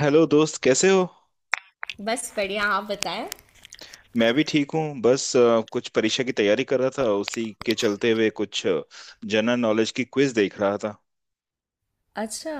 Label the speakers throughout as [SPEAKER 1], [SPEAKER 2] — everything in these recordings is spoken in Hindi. [SPEAKER 1] हेलो दोस्त, कैसे हो।
[SPEAKER 2] बस बढ़िया। आप बताएं।
[SPEAKER 1] मैं भी ठीक हूँ। बस कुछ परीक्षा की तैयारी कर रहा था, उसी के चलते हुए कुछ जनरल नॉलेज की क्विज देख रहा था।
[SPEAKER 2] अच्छा।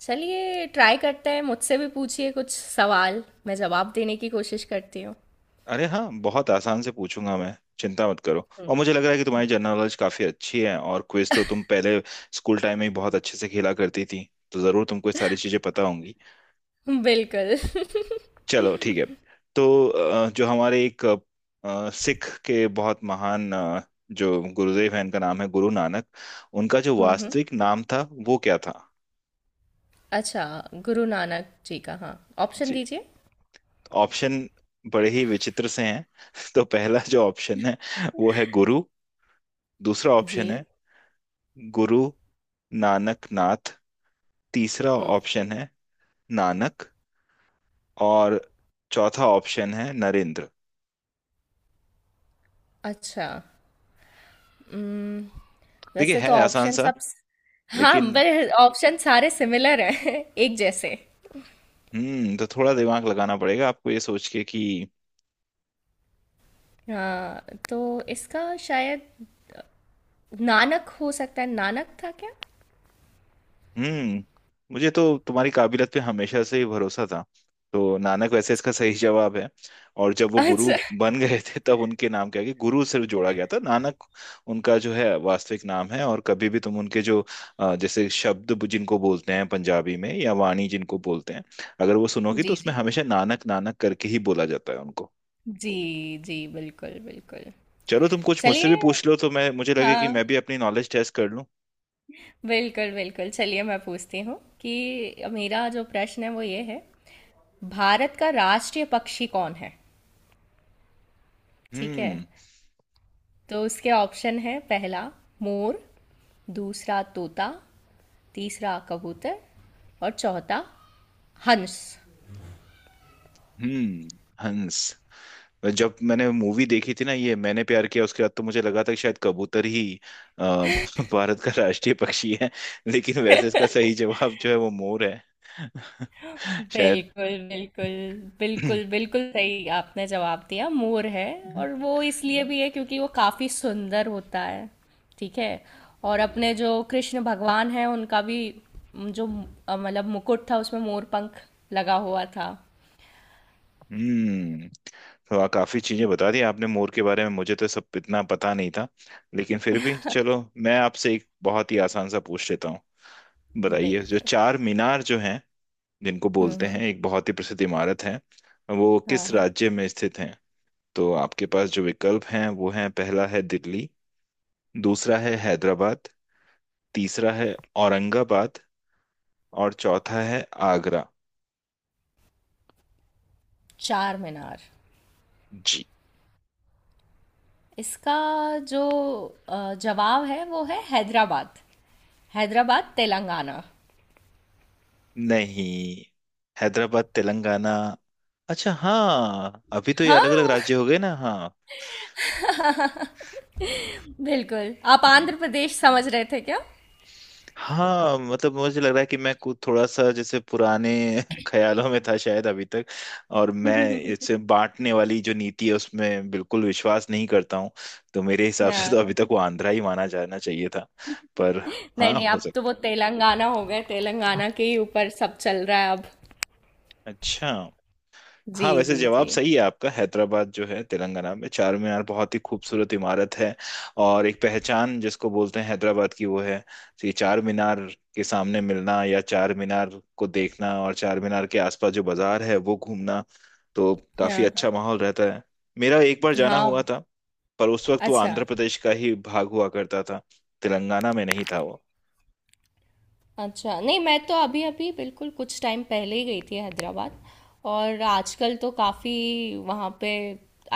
[SPEAKER 2] चलिए ट्राई करते हैं, मुझसे भी पूछिए कुछ सवाल। मैं जवाब देने की कोशिश करती हूँ।
[SPEAKER 1] अरे हाँ, बहुत आसान से पूछूंगा। मैं, चिंता मत करो, और मुझे लग रहा है कि तुम्हारी जनरल नॉलेज काफी अच्छी है, और क्विज तो तुम पहले स्कूल टाइम में ही बहुत अच्छे से खेला करती थी, तो जरूर तुमको ये सारी चीजें पता होंगी।
[SPEAKER 2] बिल्कुल।
[SPEAKER 1] चलो ठीक है। तो जो हमारे एक सिख के बहुत महान जो गुरुदेव हैं, इनका नाम है गुरु नानक। उनका जो
[SPEAKER 2] हम्म।
[SPEAKER 1] वास्तविक नाम था, वो क्या था?
[SPEAKER 2] अच्छा। गुरु नानक जी का, हाँ। ऑप्शन
[SPEAKER 1] जी।
[SPEAKER 2] दीजिए।
[SPEAKER 1] ऑप्शन बड़े ही विचित्र से हैं। तो पहला जो ऑप्शन है वो है गुरु। दूसरा
[SPEAKER 2] जी।
[SPEAKER 1] ऑप्शन है गुरु नानक नाथ। तीसरा
[SPEAKER 2] ओके।
[SPEAKER 1] ऑप्शन है नानक। और चौथा ऑप्शन है नरेंद्र।
[SPEAKER 2] अच्छा। उम्म,
[SPEAKER 1] देखिए,
[SPEAKER 2] वैसे तो
[SPEAKER 1] है आसान
[SPEAKER 2] ऑप्शन
[SPEAKER 1] सा,
[SPEAKER 2] सब। हाँ,
[SPEAKER 1] लेकिन
[SPEAKER 2] पर ऑप्शन सारे सिमिलर हैं। एक जैसे।
[SPEAKER 1] तो थोड़ा दिमाग लगाना पड़ेगा आपको, ये सोच के कि।
[SPEAKER 2] हाँ तो इसका शायद नानक हो सकता है। नानक था क्या?
[SPEAKER 1] हम्म मुझे तो तुम्हारी काबिलियत पे हमेशा से ही भरोसा था। तो नानक वैसे इसका सही जवाब है। और जब वो गुरु
[SPEAKER 2] अच्छा।
[SPEAKER 1] बन गए थे, तब उनके नाम क्या कि गुरु सिर्फ जोड़ा गया था। नानक उनका जो है वास्तविक नाम है। और कभी भी तुम उनके जो जैसे शब्द जिनको बोलते हैं पंजाबी में, या वाणी जिनको बोलते हैं, अगर वो सुनोगी तो
[SPEAKER 2] जी।
[SPEAKER 1] उसमें
[SPEAKER 2] जी।
[SPEAKER 1] हमेशा नानक नानक करके ही बोला जाता है उनको।
[SPEAKER 2] जी, जी, बिल्कुल, बिल्कुल।
[SPEAKER 1] चलो, तुम कुछ मुझसे भी
[SPEAKER 2] चलिए।
[SPEAKER 1] पूछ लो, तो मैं, मुझे लगे कि मैं
[SPEAKER 2] हाँ,
[SPEAKER 1] भी अपनी नॉलेज टेस्ट कर लूं।
[SPEAKER 2] बिल्कुल, बिल्कुल। चलिए मैं पूछती हूँ कि मेरा जो प्रश्न है वो ये है, भारत का राष्ट्रीय पक्षी कौन है? ठीक है?
[SPEAKER 1] हम्म,
[SPEAKER 2] तो उसके ऑप्शन है, पहला मोर, दूसरा तोता, तीसरा कबूतर और चौथा हंस।
[SPEAKER 1] हम्म। हंस। जब मैंने मूवी देखी थी ना, ये मैंने प्यार किया, उसके बाद तो मुझे लगा था कि शायद कबूतर ही अ, भारत का राष्ट्रीय पक्षी है। लेकिन वैसे इसका सही जवाब जो है वो मोर है। शायद।
[SPEAKER 2] बिल्कुल बिल्कुल बिल्कुल बिल्कुल सही आपने जवाब दिया, मोर है। और वो इसलिए भी है क्योंकि वो काफी सुंदर होता है। ठीक है। और अपने जो कृष्ण भगवान है उनका भी जो मतलब मुकुट था उसमें मोर पंख लगा हुआ था।
[SPEAKER 1] हम्म तो काफी चीजें बता दी आपने मोर के बारे में, मुझे तो सब इतना पता नहीं था। लेकिन फिर भी चलो, मैं आपसे एक बहुत ही आसान सा पूछ लेता हूँ। बताइए, जो
[SPEAKER 2] बिल्कुल।
[SPEAKER 1] चार मीनार जो हैं, जिनको बोलते
[SPEAKER 2] हम्म।
[SPEAKER 1] हैं, एक बहुत ही प्रसिद्ध इमारत है, वो
[SPEAKER 2] हाँ
[SPEAKER 1] किस
[SPEAKER 2] हाँ।
[SPEAKER 1] राज्य में स्थित है? तो आपके पास जो विकल्प हैं वो हैं, पहला है दिल्ली। दूसरा है हैदराबाद। तीसरा है औरंगाबाद। और चौथा है आगरा।
[SPEAKER 2] चार मीनार।
[SPEAKER 1] जी।
[SPEAKER 2] इसका जो जवाब है वो है हैदराबाद, हैदराबाद तेलंगाना।
[SPEAKER 1] नहीं, हैदराबाद तेलंगाना। अच्छा, हाँ, अभी तो ये अलग अलग
[SPEAKER 2] हाँ।
[SPEAKER 1] राज्य हो गए ना। हाँ।
[SPEAKER 2] बिल्कुल। आप आंध्र प्रदेश समझ रहे थे क्या?
[SPEAKER 1] हाँ, मतलब मुझे लग रहा है कि मैं कुछ थोड़ा सा जैसे पुराने ख्यालों में था शायद अभी तक। और मैं, इससे बांटने वाली जो नीति है उसमें बिल्कुल विश्वास नहीं करता हूँ। तो मेरे हिसाब से तो
[SPEAKER 2] हाँ।
[SPEAKER 1] अभी तक वो आंध्रा ही माना जाना चाहिए था। पर हाँ,
[SPEAKER 2] नहीं, नहीं
[SPEAKER 1] हो
[SPEAKER 2] अब तो
[SPEAKER 1] सकता
[SPEAKER 2] वो तेलंगाना हो गए, तेलंगाना के ही ऊपर सब चल रहा है अब।
[SPEAKER 1] है। अच्छा।
[SPEAKER 2] जी,
[SPEAKER 1] हाँ, वैसे
[SPEAKER 2] जी,
[SPEAKER 1] जवाब
[SPEAKER 2] जी।
[SPEAKER 1] सही है आपका। हैदराबाद जो है तेलंगाना में, चार मीनार बहुत ही खूबसूरत इमारत है, और एक पहचान जिसको बोलते हैं हैदराबाद की, वो है। तो ये चार मीनार के सामने मिलना, या चार मीनार को देखना, और चार मीनार के आसपास जो बाजार है वो घूमना, तो काफी
[SPEAKER 2] हाँ,
[SPEAKER 1] अच्छा माहौल रहता है। मेरा एक बार जाना हुआ
[SPEAKER 2] हाँ।
[SPEAKER 1] था। पर उस वक्त वो
[SPEAKER 2] अच्छा,
[SPEAKER 1] आंध्र प्रदेश का ही भाग हुआ करता था, तेलंगाना में नहीं था वो।
[SPEAKER 2] अच्छा। नहीं मैं तो अभी-अभी बिल्कुल कुछ टाइम पहले ही गई थी हैदराबाद। और आजकल तो काफ़ी वहाँ पे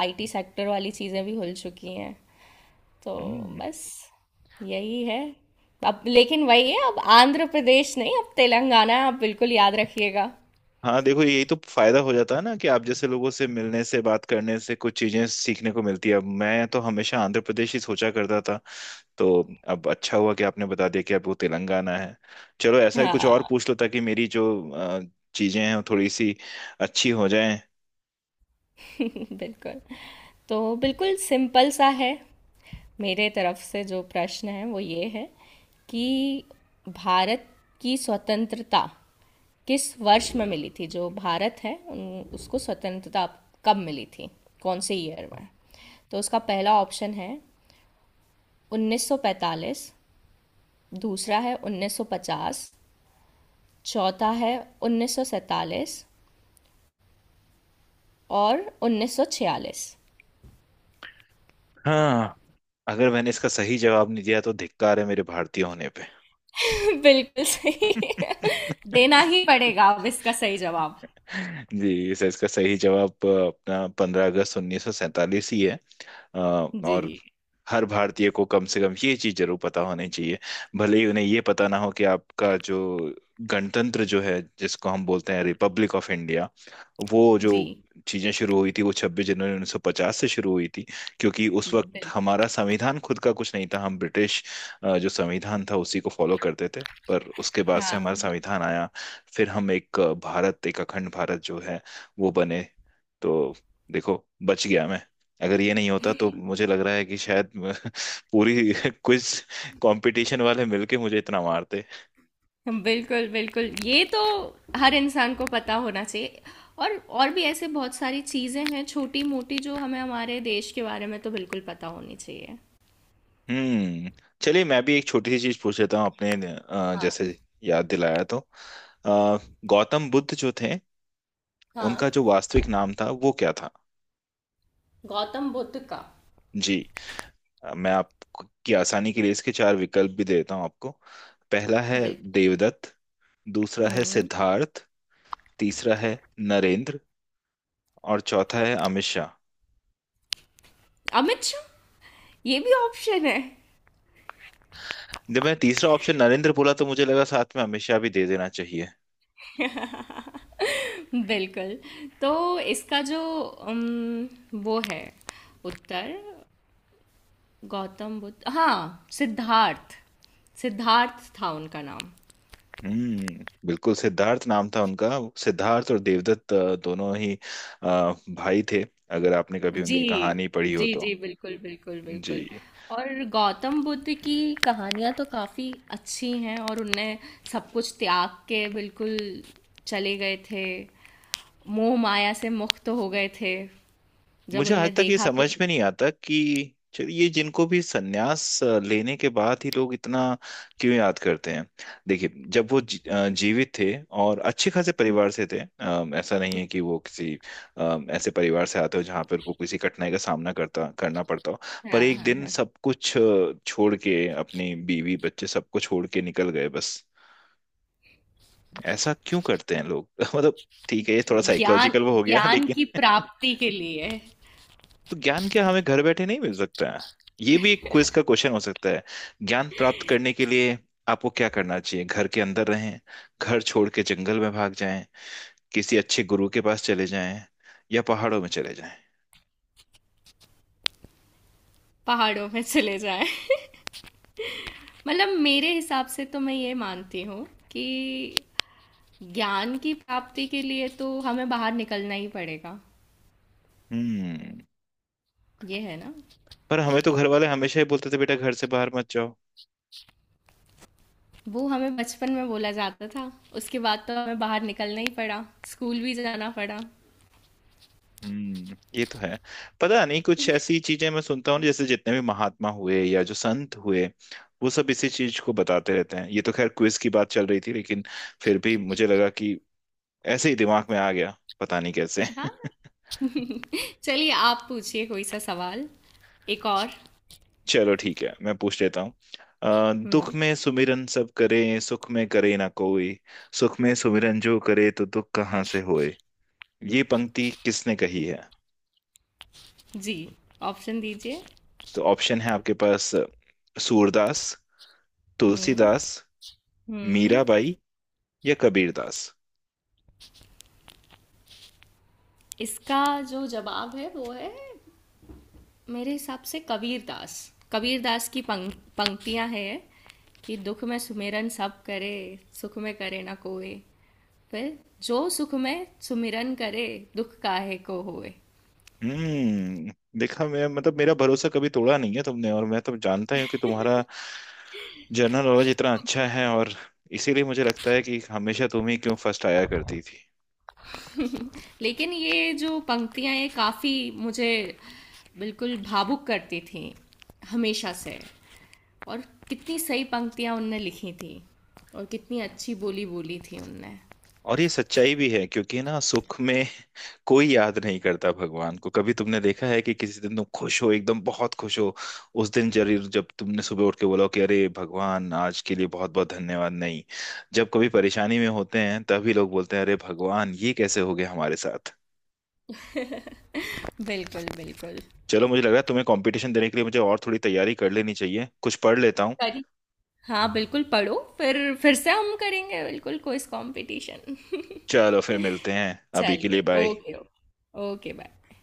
[SPEAKER 2] आईटी सेक्टर वाली चीज़ें भी खुल चुकी हैं। तो
[SPEAKER 1] हम्म।
[SPEAKER 2] बस यही है। अब लेकिन वही है, अब आंध्र प्रदेश नहीं, अब तेलंगाना, आप बिल्कुल याद रखिएगा।
[SPEAKER 1] हाँ देखो, यही तो फायदा हो जाता है ना कि आप जैसे लोगों से मिलने से, बात करने से, कुछ चीजें सीखने को मिलती है। अब मैं तो हमेशा आंध्र प्रदेश ही सोचा करता था, तो अब अच्छा हुआ कि आपने बता दिया कि आपको तेलंगाना है। चलो, ऐसा ही कुछ और
[SPEAKER 2] हाँ।
[SPEAKER 1] पूछ लो ताकि मेरी जो अ, चीजें हैं वो थोड़ी सी अच्छी हो जाएं।
[SPEAKER 2] बिल्कुल। तो बिल्कुल सिंपल सा है। मेरे तरफ से जो प्रश्न है वो ये है, कि भारत की स्वतंत्रता किस वर्ष में मिली थी, जो भारत है उसको स्वतंत्रता कब मिली थी, कौन से ईयर में? तो उसका पहला ऑप्शन है 1945, दूसरा है 1950, चौथा है 1947 और 1946।
[SPEAKER 1] हाँ, अगर मैंने इसका सही जवाब नहीं दिया तो धिक्कार है मेरे भारतीय होने
[SPEAKER 2] बिल्कुल सही।
[SPEAKER 1] पे।
[SPEAKER 2] देना ही पड़ेगा अब इसका सही जवाब।
[SPEAKER 1] जी सर, इसका सही जवाब अपना 15 अगस्त 1947 ही है।
[SPEAKER 2] जी।
[SPEAKER 1] और हर भारतीय को कम से कम ये चीज जरूर पता होनी चाहिए। भले ही उन्हें ये पता ना हो कि आपका जो गणतंत्र जो है, जिसको हम बोलते हैं रिपब्लिक ऑफ इंडिया, वो जो
[SPEAKER 2] जी।
[SPEAKER 1] चीजें शुरू हुई थी, वो 26 जनवरी 1950 से शुरू हुई थी। क्योंकि उस वक्त
[SPEAKER 2] बिल-
[SPEAKER 1] हमारा संविधान खुद का कुछ नहीं था, हम ब्रिटिश जो संविधान था उसी को फॉलो करते थे। पर उसके बाद से
[SPEAKER 2] हाँ
[SPEAKER 1] हमारा संविधान आया, फिर हम एक भारत, एक अखंड भारत जो है, वो बने। तो देखो, बच गया मैं। अगर ये नहीं होता तो मुझे लग रहा है कि शायद पूरी क्विज कंपटीशन वाले मिलके मुझे इतना मारते।
[SPEAKER 2] बिल्कुल बिल्कुल, ये तो हर इंसान को पता होना चाहिए। और भी ऐसे बहुत सारी चीज़ें हैं छोटी मोटी जो हमें हमारे देश के बारे में तो बिल्कुल पता होनी चाहिए।
[SPEAKER 1] हम्म चलिए, मैं भी एक छोटी सी चीज पूछ लेता हूँ। अपने जैसे याद दिलाया तो, अ, गौतम बुद्ध जो थे, उनका
[SPEAKER 2] हाँ।
[SPEAKER 1] जो वास्तविक नाम था वो क्या था?
[SPEAKER 2] गौतम बुद्ध का।
[SPEAKER 1] जी। मैं आपकी आसानी के लिए इसके चार विकल्प भी देता हूँ आपको। पहला है
[SPEAKER 2] बिल्कुल।
[SPEAKER 1] देवदत्त। दूसरा है
[SPEAKER 2] हम्म।
[SPEAKER 1] सिद्धार्थ। तीसरा है नरेंद्र। और चौथा है अमित शाह।
[SPEAKER 2] अमित शाह, ये भी ऑप्शन है?
[SPEAKER 1] जब मैंने तीसरा ऑप्शन नरेंद्र बोला, तो मुझे लगा साथ में अमित शाह भी दे देना चाहिए।
[SPEAKER 2] बिल्कुल। तो इसका जो वो है उत्तर, गौतम बुद्ध, हाँ, सिद्धार्थ, सिद्धार्थ था उनका नाम।
[SPEAKER 1] बिल्कुल, सिद्धार्थ नाम था उनका। सिद्धार्थ और देवदत्त दोनों ही अ, भाई थे, अगर आपने कभी
[SPEAKER 2] जी।
[SPEAKER 1] उनकी कहानी पढ़ी हो
[SPEAKER 2] जी
[SPEAKER 1] तो।
[SPEAKER 2] जी बिल्कुल बिल्कुल
[SPEAKER 1] जी।
[SPEAKER 2] बिल्कुल। और गौतम बुद्ध की कहानियाँ तो काफ़ी अच्छी हैं, और उनने सब कुछ त्याग के बिल्कुल चले गए थे, मोह माया से मुक्त हो गए थे, जब
[SPEAKER 1] मुझे आज
[SPEAKER 2] उनने
[SPEAKER 1] तक ये
[SPEAKER 2] देखा कि।
[SPEAKER 1] समझ में नहीं आता कि चलिए, ये जिनको भी सन्यास लेने के बाद ही लोग इतना क्यों याद करते हैं। देखिए, जब वो जीवित थे और अच्छे खासे परिवार से थे, ऐसा नहीं है कि वो किसी ऐसे परिवार से आते हो जहाँ पर को किसी कठिनाई का सामना करता करना पड़ता हो। पर
[SPEAKER 2] हाँ
[SPEAKER 1] एक
[SPEAKER 2] हाँ
[SPEAKER 1] दिन
[SPEAKER 2] हाँ।
[SPEAKER 1] सब कुछ छोड़ के, अपनी बीवी बच्चे सबको छोड़ के निकल गए। बस ऐसा क्यों करते हैं लोग? मतलब ठीक है, ये थोड़ा
[SPEAKER 2] ज्ञान,
[SPEAKER 1] साइकोलॉजिकल वो हो गया,
[SPEAKER 2] ज्ञान
[SPEAKER 1] लेकिन।
[SPEAKER 2] की प्राप्ति के लिए
[SPEAKER 1] तो ज्ञान क्या हमें घर बैठे नहीं मिल सकता है? ये भी एक क्विज का क्वेश्चन हो सकता है। ज्ञान प्राप्त करने के लिए आपको क्या करना चाहिए? घर के अंदर रहें, घर छोड़ के जंगल में भाग जाएं, किसी अच्छे गुरु के पास चले जाएं, या पहाड़ों में चले जाएं।
[SPEAKER 2] पहाड़ों में चले जाएं। मतलब मेरे हिसाब से तो मैं ये मानती हूँ कि ज्ञान की प्राप्ति के लिए तो हमें बाहर निकलना ही पड़ेगा,
[SPEAKER 1] हम्म
[SPEAKER 2] ये है ना।
[SPEAKER 1] पर हमें तो घर वाले हमेशा ही बोलते थे, बेटा घर से बाहर मत जाओ।
[SPEAKER 2] वो हमें बचपन में बोला जाता था, उसके बाद तो हमें बाहर निकलना ही पड़ा, स्कूल भी जाना पड़ा।
[SPEAKER 1] ये तो है। पता नहीं, कुछ ऐसी चीजें मैं सुनता हूँ, जैसे जितने भी महात्मा हुए, या जो संत हुए, वो सब इसी चीज को बताते रहते हैं। ये तो खैर क्विज की बात चल रही थी, लेकिन फिर भी मुझे लगा कि, ऐसे ही दिमाग में आ गया पता नहीं कैसे।
[SPEAKER 2] हाँ। चलिए आप पूछिए कोई सा सवाल, एक और।
[SPEAKER 1] चलो ठीक है, मैं पूछ लेता हूँ। दुख
[SPEAKER 2] हम्म।
[SPEAKER 1] में सुमिरन सब करें, सुख में करे ना कोई। सुख में सुमिरन जो करे तो दुख कहाँ से होए। ये पंक्ति किसने कही है?
[SPEAKER 2] जी, ऑप्शन दीजिए।
[SPEAKER 1] तो ऑप्शन है आपके पास, सूरदास,
[SPEAKER 2] हम्म
[SPEAKER 1] तुलसीदास,
[SPEAKER 2] हम्म।
[SPEAKER 1] मीराबाई, या कबीरदास।
[SPEAKER 2] इसका जो जवाब है वो है, मेरे हिसाब से कबीर दास। कबीर दास की पंक्तियां हैं कि दुख में सुमिरन सब करे, सुख में करे ना कोई, फिर जो सुख में सुमिरन करे, दुख काहे को होए।
[SPEAKER 1] हम्म देखा, मैं मतलब, मेरा भरोसा कभी तोड़ा नहीं है तुमने, और मैं तो जानता ही हूँ कि तुम्हारा जनरल नॉलेज इतना अच्छा है, और इसीलिए मुझे लगता है कि हमेशा तुम ही क्यों फर्स्ट आया करती थी।
[SPEAKER 2] लेकिन ये जो पंक्तियां ये काफ़ी मुझे बिल्कुल भावुक करती थी हमेशा से। और कितनी सही पंक्तियां उनने लिखी थी, और कितनी अच्छी बोली बोली थी उनने।
[SPEAKER 1] और ये सच्चाई भी है, क्योंकि ना, सुख में कोई याद नहीं करता भगवान को। कभी तुमने देखा है कि किसी दिन तुम खुश हो, एकदम बहुत खुश हो, उस दिन जरूर, जब तुमने सुबह उठ के बोला हो कि, अरे भगवान आज के लिए बहुत बहुत धन्यवाद? नहीं, जब कभी परेशानी में होते हैं तभी लोग बोलते हैं, अरे भगवान ये कैसे हो गया हमारे साथ।
[SPEAKER 2] बिल्कुल बिल्कुल।
[SPEAKER 1] चलो, मुझे लग रहा है तुम्हें कंपटीशन देने के लिए मुझे और थोड़ी तैयारी कर लेनी चाहिए, कुछ पढ़ लेता हूँ।
[SPEAKER 2] करी। हाँ बिल्कुल पढ़ो, फिर से हम करेंगे बिल्कुल कोई कंपटीशन।
[SPEAKER 1] चलो, फिर मिलते हैं, अभी के लिए
[SPEAKER 2] चलिए,
[SPEAKER 1] bye.
[SPEAKER 2] Okay okay okay, bye.